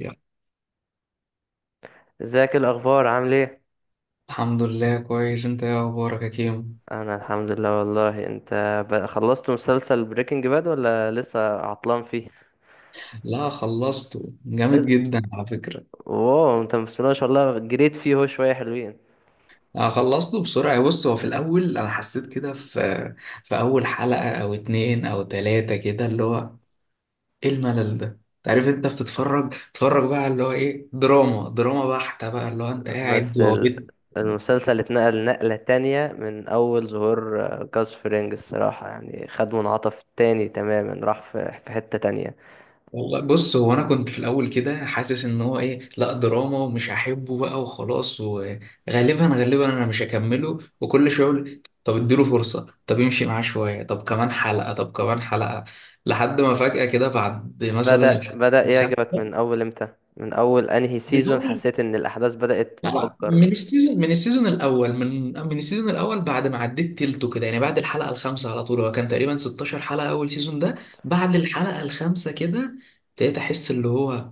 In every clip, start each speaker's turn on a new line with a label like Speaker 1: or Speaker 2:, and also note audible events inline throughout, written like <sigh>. Speaker 1: يلا.
Speaker 2: ازيك، إيه الاخبار؟ عامل ايه؟
Speaker 1: الحمد لله، كويس. انت ايه اخبارك يا كيمو؟
Speaker 2: انا الحمد لله والله، انت؟ خلصت مسلسل بريكنج باد ولا لسه عطلان فيه؟
Speaker 1: لا، خلصته،
Speaker 2: إيه
Speaker 1: جامد
Speaker 2: ده؟
Speaker 1: جدا على فكرة.
Speaker 2: واو، انت بسم الله ما شاء الله جريت فيه! هو شويه حلوين.
Speaker 1: انا خلصته بسرعة. بص، هو في الاول انا حسيت كده في اول حلقة او اتنين او تلاتة كده، اللي هو ايه، الملل ده. تعرف انت بتتفرج، تتفرج بقى اللي هو ايه، دراما دراما بحتة بقى، اللي هو انت قاعد
Speaker 2: بس
Speaker 1: وهو بيت.
Speaker 2: المسلسل اتنقل نقله تانية من اول ظهور جاس فرينج. الصراحه يعني خد منعطف تاني تماما، راح في حته تانية.
Speaker 1: والله بص، هو انا كنت في الاول كده حاسس ان هو ايه، لا دراما، ومش هحبه بقى وخلاص، وغالبا غالبا انا مش هكمله. وكل شويه اقول طب اديله فرصه، طب يمشي معاه شويه، طب كمان حلقه، طب كمان حلقه. لحد ما فجاه كده بعد مثلا
Speaker 2: بدأ
Speaker 1: الحلقه
Speaker 2: بدأ
Speaker 1: الخامسة.
Speaker 2: يعجبك من اول امتى؟ من اول انهي
Speaker 1: من
Speaker 2: سيزون
Speaker 1: اول،
Speaker 2: حسيت ان الاحداث بدأت
Speaker 1: لا،
Speaker 2: تتفجر؟
Speaker 1: من السيزون الاول، من السيزون الاول بعد ما عديت تلته كده يعني، بعد الحلقه الخامسه على طول. هو كان تقريبا 16 حلقه اول سيزون ده. بعد الحلقه الخامسه كده ابتديت احس اللي هو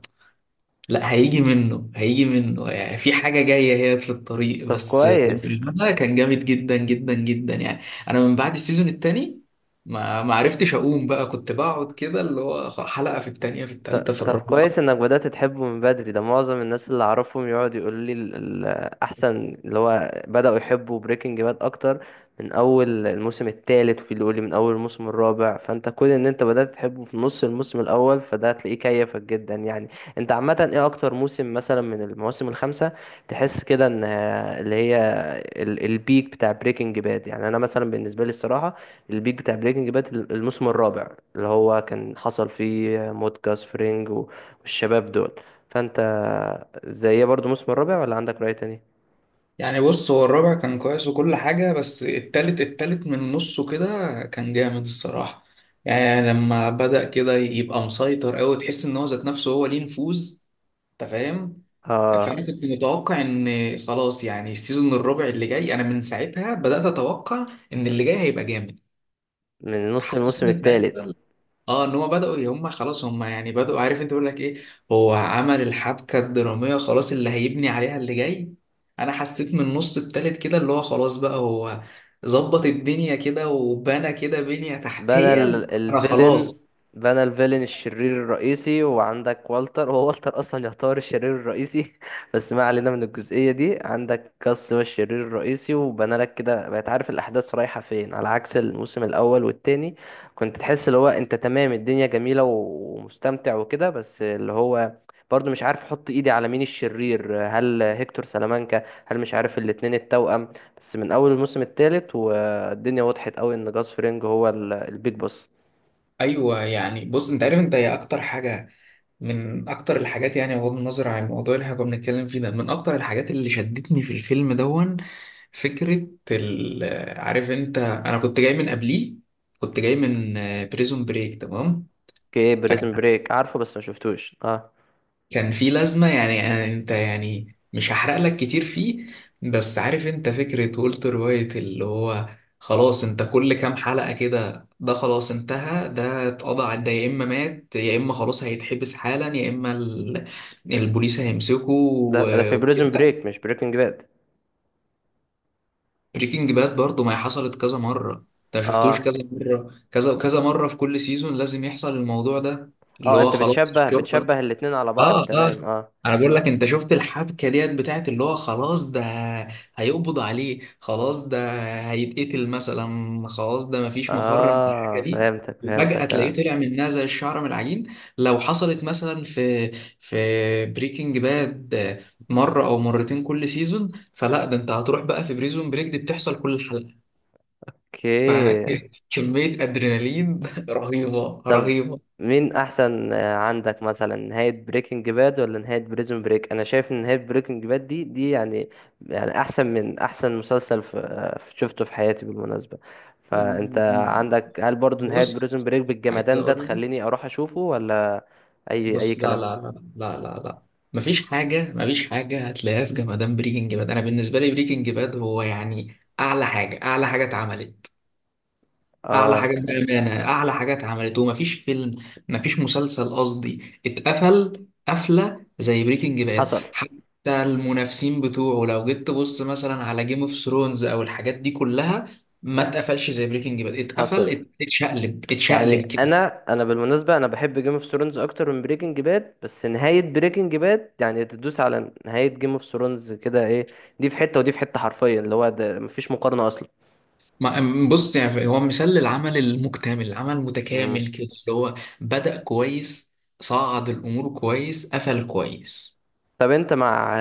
Speaker 1: لا، هيجي منه هيجي منه، يعني في حاجة جاية هي في الطريق،
Speaker 2: طب
Speaker 1: بس
Speaker 2: كويس.
Speaker 1: برشلونة كان جامد جدا جدا جدا يعني. أنا من بعد السيزون التاني ما عرفتش أقوم بقى، كنت بقعد كده اللي هو حلقة في التانية في التالتة
Speaker 2: ط-
Speaker 1: في
Speaker 2: طب
Speaker 1: الرابعة.
Speaker 2: كويس انك بدأت تحبه من بدري. ده معظم الناس اللي اعرفهم يقعد يقول لي احسن، اللي هو بدأوا يحبوا بريكنج باد اكتر من اول الموسم الثالث، وفي اللي يقول لي من اول الموسم الرابع. فانت كون ان انت بدأت تحبه في نص الموسم الاول، فده هتلاقيه كيفك جدا يعني. انت عامة ايه اكتر موسم مثلا من المواسم الخمسة تحس كده ان اللي هي البيك بتاع بريكنج باد؟ يعني انا مثلا بالنسبة لي الصراحة البيك بتاع بريكنج باد الموسم الرابع اللي هو كان حصل فيه موت جاس فرينج والشباب دول. فانت زي برضو الموسم الرابع، ولا عندك رأي تاني؟
Speaker 1: يعني بص، هو الرابع كان كويس وكل حاجة، بس التالت، التالت من نصه كده كان جامد الصراحة. يعني لما بدأ كده يبقى مسيطر أوي، تحس إن هو ذات نفسه هو ليه نفوذ. أنت فاهم؟
Speaker 2: اه.
Speaker 1: فانا كنت متوقع ان خلاص يعني السيزون الرابع اللي جاي، انا من ساعتها بدات اتوقع ان اللي جاي هيبقى جامد.
Speaker 2: من نص
Speaker 1: حسيت
Speaker 2: الموسم
Speaker 1: من
Speaker 2: الثالث.
Speaker 1: ساعتها. اه، ان هم بداوا، هم خلاص، هم يعني بداوا، عارف انت بيقول لك ايه. هو عمل الحبكه الدراميه خلاص اللي هيبني عليها اللي جاي. انا حسيت من النص التالت كده اللي هو خلاص بقى، هو ظبط الدنيا كده وبنى كده بنيه
Speaker 2: بنى
Speaker 1: تحتيه. انا
Speaker 2: الفيلن.
Speaker 1: خلاص.
Speaker 2: بنى الفيلن الشرير الرئيسي، وعندك والتر. هو والتر اصلا يعتبر الشرير الرئيسي <laughs> بس ما علينا من الجزئية دي. عندك كاس هو الشرير الرئيسي، وبنى لك كده بقيت عارف الاحداث رايحة فين، على عكس الموسم الاول والتاني. كنت تحس اللي هو انت تمام، الدنيا جميلة ومستمتع وكده، بس اللي هو برضه مش عارف احط ايدي على مين الشرير. هل هيكتور سلامانكا، هل مش عارف، الاتنين التوأم. بس من اول الموسم التالت فالدنيا وضحت قوي ان جاس فرينج هو البيج بوس.
Speaker 1: ايوه يعني، بص انت عارف، انت هي اكتر حاجه، من اكتر الحاجات يعني، بغض النظر عن الموضوع اللي احنا كنا بنتكلم فيه ده، من اكتر الحاجات اللي شدتني في الفيلم دون، فكرة ال... عارف انت، انا كنت جاي من قبليه، كنت جاي من بريزون بريك، تمام؟
Speaker 2: اوكي،
Speaker 1: فكان،
Speaker 2: بريزن بريك عارفه بس ما شفتوش، اه.
Speaker 1: كان في لازمة. يعني انت يعني مش هحرق لك كتير فيه، بس عارف انت فكرة والتر وايت اللي هو خلاص، انت كل كام حلقة كده ده خلاص انتهى، ده اتقضى ده يا اما مات، يا اما خلاص هيتحبس حالا، يا اما البوليس هيمسكه
Speaker 2: ده في بريزن
Speaker 1: وكده.
Speaker 2: بريك مش بريكنج باد.
Speaker 1: بريكنج باد برضو ما هي حصلت كذا مرة. انت شفتوش
Speaker 2: اه،
Speaker 1: كذا مرة، كذا مرة، في كل سيزون لازم يحصل الموضوع ده، اللي
Speaker 2: اه،
Speaker 1: هو
Speaker 2: انت
Speaker 1: خلاص
Speaker 2: بتشبه
Speaker 1: الشرطة.
Speaker 2: بتشبه الاتنين على بعض،
Speaker 1: اه،
Speaker 2: تمام،
Speaker 1: اه،
Speaker 2: اه.
Speaker 1: انا بقول لك، انت شفت الحبكه ديت بتاعت اللي هو خلاص ده هيقبض عليه، خلاص ده هيتقتل مثلا، خلاص ده مفيش مفر من الحاجه
Speaker 2: اه،
Speaker 1: دي.
Speaker 2: فهمتك
Speaker 1: وفجاه
Speaker 2: فهمتك
Speaker 1: تلاقيه
Speaker 2: اه.
Speaker 1: طلع منها زي الشعر من العجين. لو حصلت مثلا في بريكنج باد مره او مرتين كل سيزون، فلا، ده انت هتروح بقى. في بريزون بريك دي بتحصل كل حلقه.
Speaker 2: اوكي.
Speaker 1: فكميه <laughs> ادرينالين <laughs> رهيبه
Speaker 2: طب
Speaker 1: رهيبه.
Speaker 2: مين احسن، عندك مثلا نهاية بريكنج باد ولا نهاية بريزون بريك؟ انا شايف ان نهاية بريكنج باد دي يعني، يعني احسن من احسن مسلسل شفته في حياتي بالمناسبة. فانت عندك هل برضو نهاية
Speaker 1: بص،
Speaker 2: بريزون بريك
Speaker 1: عايز
Speaker 2: بالجمدان ده
Speaker 1: اقول لك،
Speaker 2: تخليني اروح اشوفه ولا؟ اي
Speaker 1: بص لا
Speaker 2: كلام.
Speaker 1: لا لا، لا لا لا، مفيش حاجة، مفيش حاجة هتلاقيها في جمدان بريكنج باد. أنا بالنسبة لي بريكنج باد هو يعني أعلى حاجة، أعلى حاجة اتعملت، أعلى
Speaker 2: اه،
Speaker 1: حاجة بأمانة، أعلى حاجة اتعملت. ومفيش فيلم، مفيش مسلسل قصدي اتقفل قفلة زي بريكنج باد.
Speaker 2: حصل.
Speaker 1: حتى المنافسين بتوعه لو جيت تبص مثلا على جيم اوف ثرونز أو الحاجات دي كلها، ما اتقفلش زي بريكنج باد. اتقفل
Speaker 2: حصل
Speaker 1: اتشقلب
Speaker 2: يعني
Speaker 1: اتشقلب.
Speaker 2: انا، بالمناسبه انا بحب جيم اوف ثرونز اكتر من بريكنج باد، بس نهايه بريكنج باد يعني تدوس على نهايه جيم اوف ثرونز كده، ايه. دي في حته ودي في حته حرفيا، اللي هو ده مفيش مقارنه اصلا.
Speaker 1: بص يعني هو مثال للعمل المكتمل، العمل المتكامل كده، اللي هو بدأ كويس، صعد الأمور كويس، قفل كويس.
Speaker 2: طب انت مع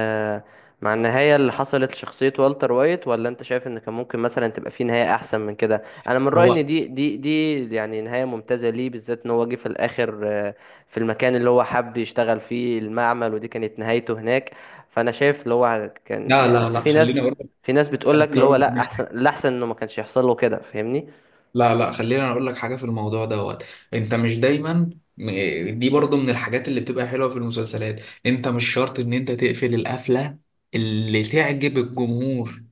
Speaker 2: مع النهاية اللي حصلت لشخصية والتر وايت، ولا انت شايف ان كان ممكن مثلا تبقى في نهاية احسن من كده؟ انا من رأيي
Speaker 1: هو
Speaker 2: ان دي يعني نهاية ممتازة، ليه بالذات ان هو جه في الاخر، في المكان اللي هو حب يشتغل فيه المعمل، ودي كانت نهايته هناك. فانا شايف اللي هو كان
Speaker 1: لا
Speaker 2: يعني،
Speaker 1: لا
Speaker 2: أصل
Speaker 1: لا،
Speaker 2: في
Speaker 1: خليني
Speaker 2: ناس،
Speaker 1: أقول لك،
Speaker 2: في ناس بتقول لك
Speaker 1: خليني
Speaker 2: اللي
Speaker 1: أقول
Speaker 2: هو لا،
Speaker 1: لك،
Speaker 2: احسن الاحسن انه ما كانش يحصل له كده، فاهمني؟
Speaker 1: لا لا، خليني أقول لك حاجة في الموضوع دوت. أنت مش دايما، دي برضو من الحاجات اللي بتبقى حلوة في المسلسلات. أنت مش شرط إن أنت تقفل القفلة اللي تعجب الجمهور.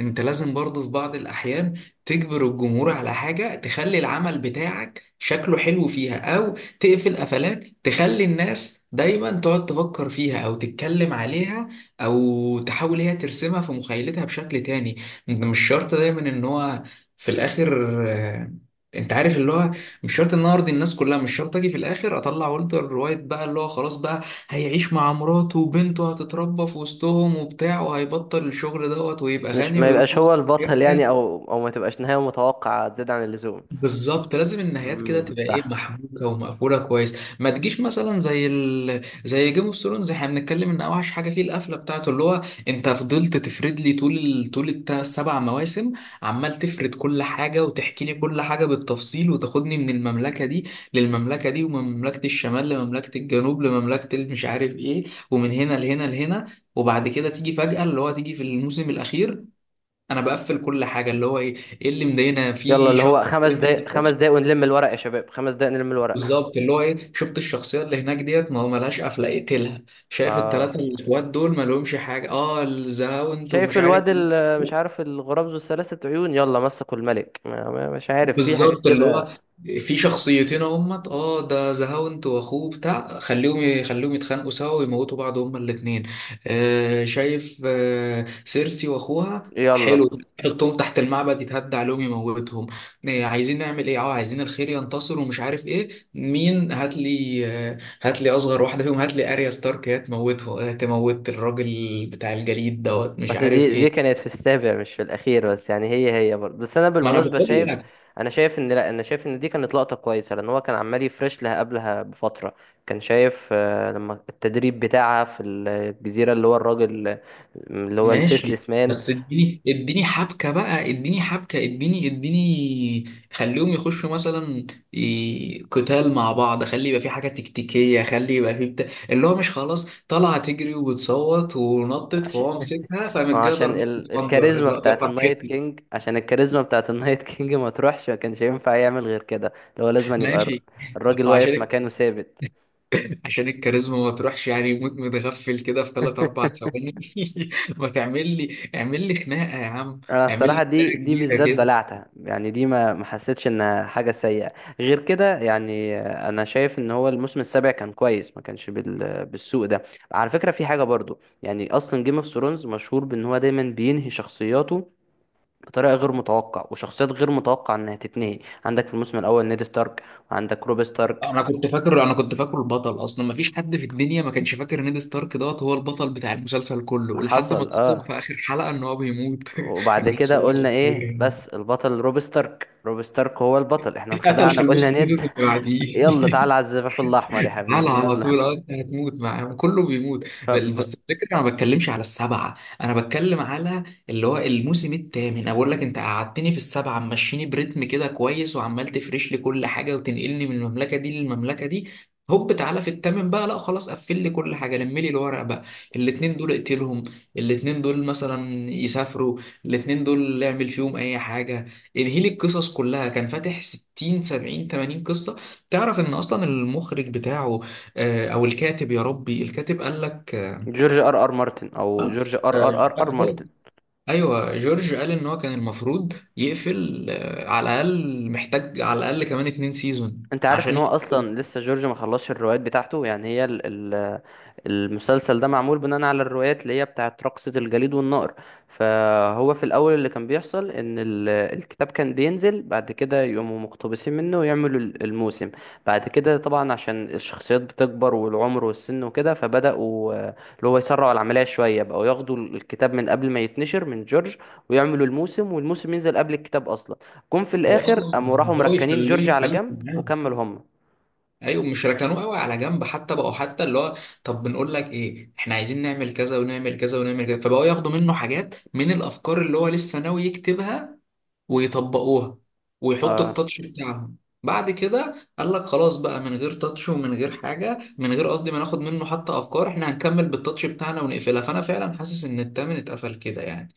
Speaker 1: انت لازم برضو في بعض الاحيان تجبر الجمهور على حاجة تخلي العمل بتاعك شكله حلو فيها، او تقفل قفلات تخلي الناس دايما تقعد تفكر فيها او تتكلم عليها، او تحاول هي ترسمها في مخيلتها بشكل تاني. انت مش شرط دايما ان هو في الاخر، انت عارف اللي هو، مش شرط ان أنا ارضي الناس كلها، مش شرط اجي في الاخر اطلع والتر وايت بقى اللي هو خلاص بقى هيعيش مع مراته وبنته هتتربى في وسطهم وبتاع، وهيبطل الشغل دوت، ويبقى
Speaker 2: مش
Speaker 1: غني
Speaker 2: ما
Speaker 1: ويروح
Speaker 2: يبقاش هو
Speaker 1: يفتح
Speaker 2: البطل
Speaker 1: شركة.
Speaker 2: يعني، او ما تبقاش نهاية متوقعة زيادة عن اللزوم.
Speaker 1: بالظبط، لازم النهايات كده
Speaker 2: امم.
Speaker 1: تبقى ايه، محبوكه ومقفوله كويس، ما تجيش مثلا زي زي جيم اوف ثرونز. احنا بنتكلم ان اوحش حاجه فيه القفله بتاعته، اللي هو انت فضلت تفرد لي طول طول السبع مواسم، عمال تفرد كل حاجه وتحكي لي كل حاجه بالتفصيل، وتاخدني من المملكه دي للمملكه دي، ومن مملكه الشمال لمملكه الجنوب لمملكه مش عارف ايه، ومن هنا لهنا لهنا. وبعد كده تيجي فجأة اللي هو تيجي في الموسم الأخير. أنا بقفل كل حاجة اللي هو إيه، إيه اللي مضايقنا
Speaker 2: يلا
Speaker 1: في
Speaker 2: اللي
Speaker 1: شاب؟
Speaker 2: هو 5 دقايق، 5 دقايق ونلم الورق يا شباب، 5 دقايق نلم الورق.
Speaker 1: بالظبط، اللي هو ايه، شفت الشخصيه اللي هناك ديت، ما هو ملهاش قفله، اقتلها. شايف
Speaker 2: اه.
Speaker 1: التلاته الاخوات دول، ما لهمش حاجه، اه، الزهاوند
Speaker 2: شايف
Speaker 1: ومش عارف
Speaker 2: الواد،
Speaker 1: مين.
Speaker 2: مش عارف، الغراب ذو الثلاثة عيون، يلا مسكوا الملك، مش عارف، في حاجات
Speaker 1: بالظبط، اللي
Speaker 2: كده.
Speaker 1: هو في شخصيتين اهمت، اه، ده زهاوند واخوه بتاع، يخليهم يتخانقوا سوا ويموتوا بعض هما الاثنين. آه، شايف، آه، سيرسي واخوها، حلو،
Speaker 2: يلا.
Speaker 1: حطهم تحت المعبد يتهدى عليهم، يموتهم. آه، عايزين نعمل ايه، اه، عايزين الخير ينتصر ومش عارف ايه مين، هات لي، آه، هات لي اصغر واحده فيهم، هات لي اريا ستارك هي تموته، آه، تموت الراجل بتاع الجليد دوت، مش
Speaker 2: بس
Speaker 1: عارف
Speaker 2: دي
Speaker 1: ايه.
Speaker 2: كانت في السابع مش في الأخير، بس يعني هي برضه. بس أنا
Speaker 1: ما انا
Speaker 2: بالمناسبة
Speaker 1: بقول.
Speaker 2: شايف، أنا شايف إن لأ، أنا شايف إن دي كانت لقطة كويسة، لأن هو كان عمال يفرش لها قبلها بفترة. كان شايف، لما التدريب بتاعها في الجزيرة، اللي هو الراجل اللي هو
Speaker 1: ماشي.
Speaker 2: الفيسلس مان.
Speaker 1: بس اديني، اديني حبكة بقى، اديني حبكة، اديني، اديني. خليهم يخشوا مثلا قتال مع بعض، خلي يبقى في حاجة تكتيكية، خلي يبقى في بتاع، اللي هو مش خلاص طالعة تجري وبتصوت ونطت فهو مسكها
Speaker 2: ما
Speaker 1: فمن
Speaker 2: هو
Speaker 1: جاية
Speaker 2: عشان
Speaker 1: ضربة خنجر،
Speaker 2: الكاريزما
Speaker 1: لا يا
Speaker 2: بتاعت النايت
Speaker 1: فرحتي.
Speaker 2: كينج، عشان الكاريزما بتاعت النايت كينج ما تروحش، ما كانش ينفع يعمل غير كده. اللي هو لازم أن يبقى
Speaker 1: ماشي.
Speaker 2: الراجل
Speaker 1: وعشان
Speaker 2: واقف مكانه ثابت.
Speaker 1: عشان الكاريزما ما تروحش، يعني يموت متغفل كده في 3 4 ثواني
Speaker 2: <laughs>
Speaker 1: <laughs> ما تعمل لي، اعمل لي خناقة يا عم،
Speaker 2: انا
Speaker 1: اعمل لي
Speaker 2: الصراحه دي
Speaker 1: خناقة
Speaker 2: دي بالذات
Speaker 1: كبيرة.
Speaker 2: بلعتها يعني. دي ما حسيتش انها حاجه سيئه غير كده. يعني انا شايف ان هو الموسم السابع كان كويس، ما كانش بالسوء ده. على فكره في حاجه برضو، يعني اصلا جيم اوف ثرونز مشهور بان هو دايما بينهي شخصياته بطريقه غير متوقع، وشخصيات غير متوقع انها تتنهي. عندك في الموسم الاول نيد ستارك، وعندك روب ستارك.
Speaker 1: انا كنت فاكره البطل اصلا، ما فيش حد في الدنيا ما كانش فاكر نيد ستارك دوت هو البطل بتاع المسلسل كله، لحد ما
Speaker 2: حصل،
Speaker 1: اتصدم في
Speaker 2: اه.
Speaker 1: اخر حلقه ان هو بيموت <laughs>
Speaker 2: وبعد
Speaker 1: اللي هو
Speaker 2: كده
Speaker 1: صباح
Speaker 2: قلنا
Speaker 1: الخير
Speaker 2: ايه؟
Speaker 1: يعني.
Speaker 2: بس البطل روب ستارك، روب ستارك هو البطل، احنا
Speaker 1: اتقتل
Speaker 2: انخدعنا
Speaker 1: في
Speaker 2: قلنا
Speaker 1: الوسط سيزون
Speaker 2: نيد.
Speaker 1: اللي
Speaker 2: <laughs>
Speaker 1: بعديه،
Speaker 2: يلا، تعالى على الزفاف الاحمر يا
Speaker 1: على
Speaker 2: حبيبي،
Speaker 1: على
Speaker 2: يلا.
Speaker 1: طول. اه، انت هتموت، مع كله بيموت.
Speaker 2: <laughs> فب-
Speaker 1: بس الفكره، انا ما بتكلمش على السبعه، انا بتكلم على اللي هو الموسم الثامن. انا بقول لك، انت قعدتني في السبعه ماشيني بريتم كده كويس، وعمال تفرش لي كل حاجه، وتنقلني من المملكه دي للمملكه دي. هوب تعالى في الثامن بقى، لا خلاص قفل لي كل حاجه، لم لي الورق بقى. الاثنين دول اقتلهم، الاثنين دول مثلا يسافروا، الاثنين دول اعمل فيهم اي حاجه. انهي لي القصص كلها، كان فاتح 60 70 80 قصه. تعرف ان اصلا المخرج بتاعه، او الكاتب، يا ربي، الكاتب قال لك،
Speaker 2: جورج ار ار مارتن او
Speaker 1: آه،
Speaker 2: جورج ار ار ار ار
Speaker 1: آه،
Speaker 2: مارتن.
Speaker 1: ايوه، جورج قال ان هو كان المفروض يقفل، على الاقل محتاج، على الاقل كمان 2 سيزون
Speaker 2: انت عارف
Speaker 1: عشان
Speaker 2: ان هو
Speaker 1: يقفل.
Speaker 2: اصلا لسه جورج ما خلصش الروايات بتاعته؟ يعني هي ال ال المسلسل ده معمول بناء على الروايات اللي هي بتاعت رقصة الجليد والنار. فهو في الاول اللي كان بيحصل ان الكتاب كان بينزل، بعد كده يقوموا مقتبسين منه ويعملوا الموسم. بعد كده طبعا عشان الشخصيات بتكبر والعمر والسن وكده، فبدأوا اللي هو يسرعوا العملية شوية، بقوا ياخدوا الكتاب من قبل ما يتنشر من جورج ويعملوا الموسم والموسم ينزل قبل الكتاب اصلا. جم في
Speaker 1: هو
Speaker 2: الاخر
Speaker 1: اصلا
Speaker 2: قاموا راحوا
Speaker 1: بقوا
Speaker 2: مركنين
Speaker 1: يخلوه
Speaker 2: جورج على
Speaker 1: يتكلم
Speaker 2: جنب
Speaker 1: معاه.
Speaker 2: وكمل هم.
Speaker 1: ايوه، مش ركنوه قوي على جنب حتى، بقوا حتى اللي هو، طب بنقول لك ايه، احنا عايزين نعمل كذا ونعمل كذا ونعمل كذا، فبقوا ياخدوا منه حاجات من الافكار اللي هو لسه ناوي يكتبها ويطبقوها ويحطوا
Speaker 2: اه.
Speaker 1: التاتش بتاعهم. بعد كده قال لك خلاص بقى، من غير تاتش ومن غير حاجه، من غير قصدي ما ناخد منه حتى افكار، احنا هنكمل بالتاتش بتاعنا ونقفلها. فانا فعلا حاسس ان التامن اتقفل كده يعني.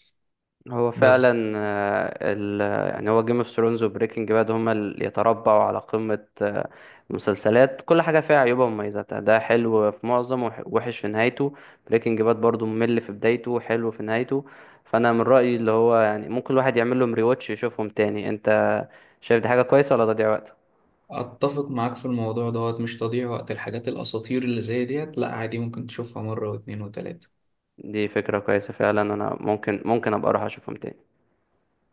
Speaker 2: هو
Speaker 1: بس
Speaker 2: فعلا، يعني هو جيم اوف ثرونز وبريكنج باد هما اللي يتربعوا على قمة المسلسلات. كل حاجة فيها عيوبها ومميزاتها، ده حلو في معظم وحش في نهايته. بريكنج باد برضو ممل في بدايته، حلو في نهايته. فأنا من رأيي اللي هو يعني ممكن الواحد يعمل لهم ريواتش، يشوفهم تاني. انت شايف دي حاجة كويسة ولا تضييع وقت؟
Speaker 1: اتفق معاك في الموضوع دوت، مش تضييع وقت، الحاجات الاساطير اللي زي ديت لا، عادي، ممكن تشوفها مره واتنين وتلاته.
Speaker 2: دي فكرة كويسة فعلا، انا ممكن ابقى اروح اشوفهم تاني.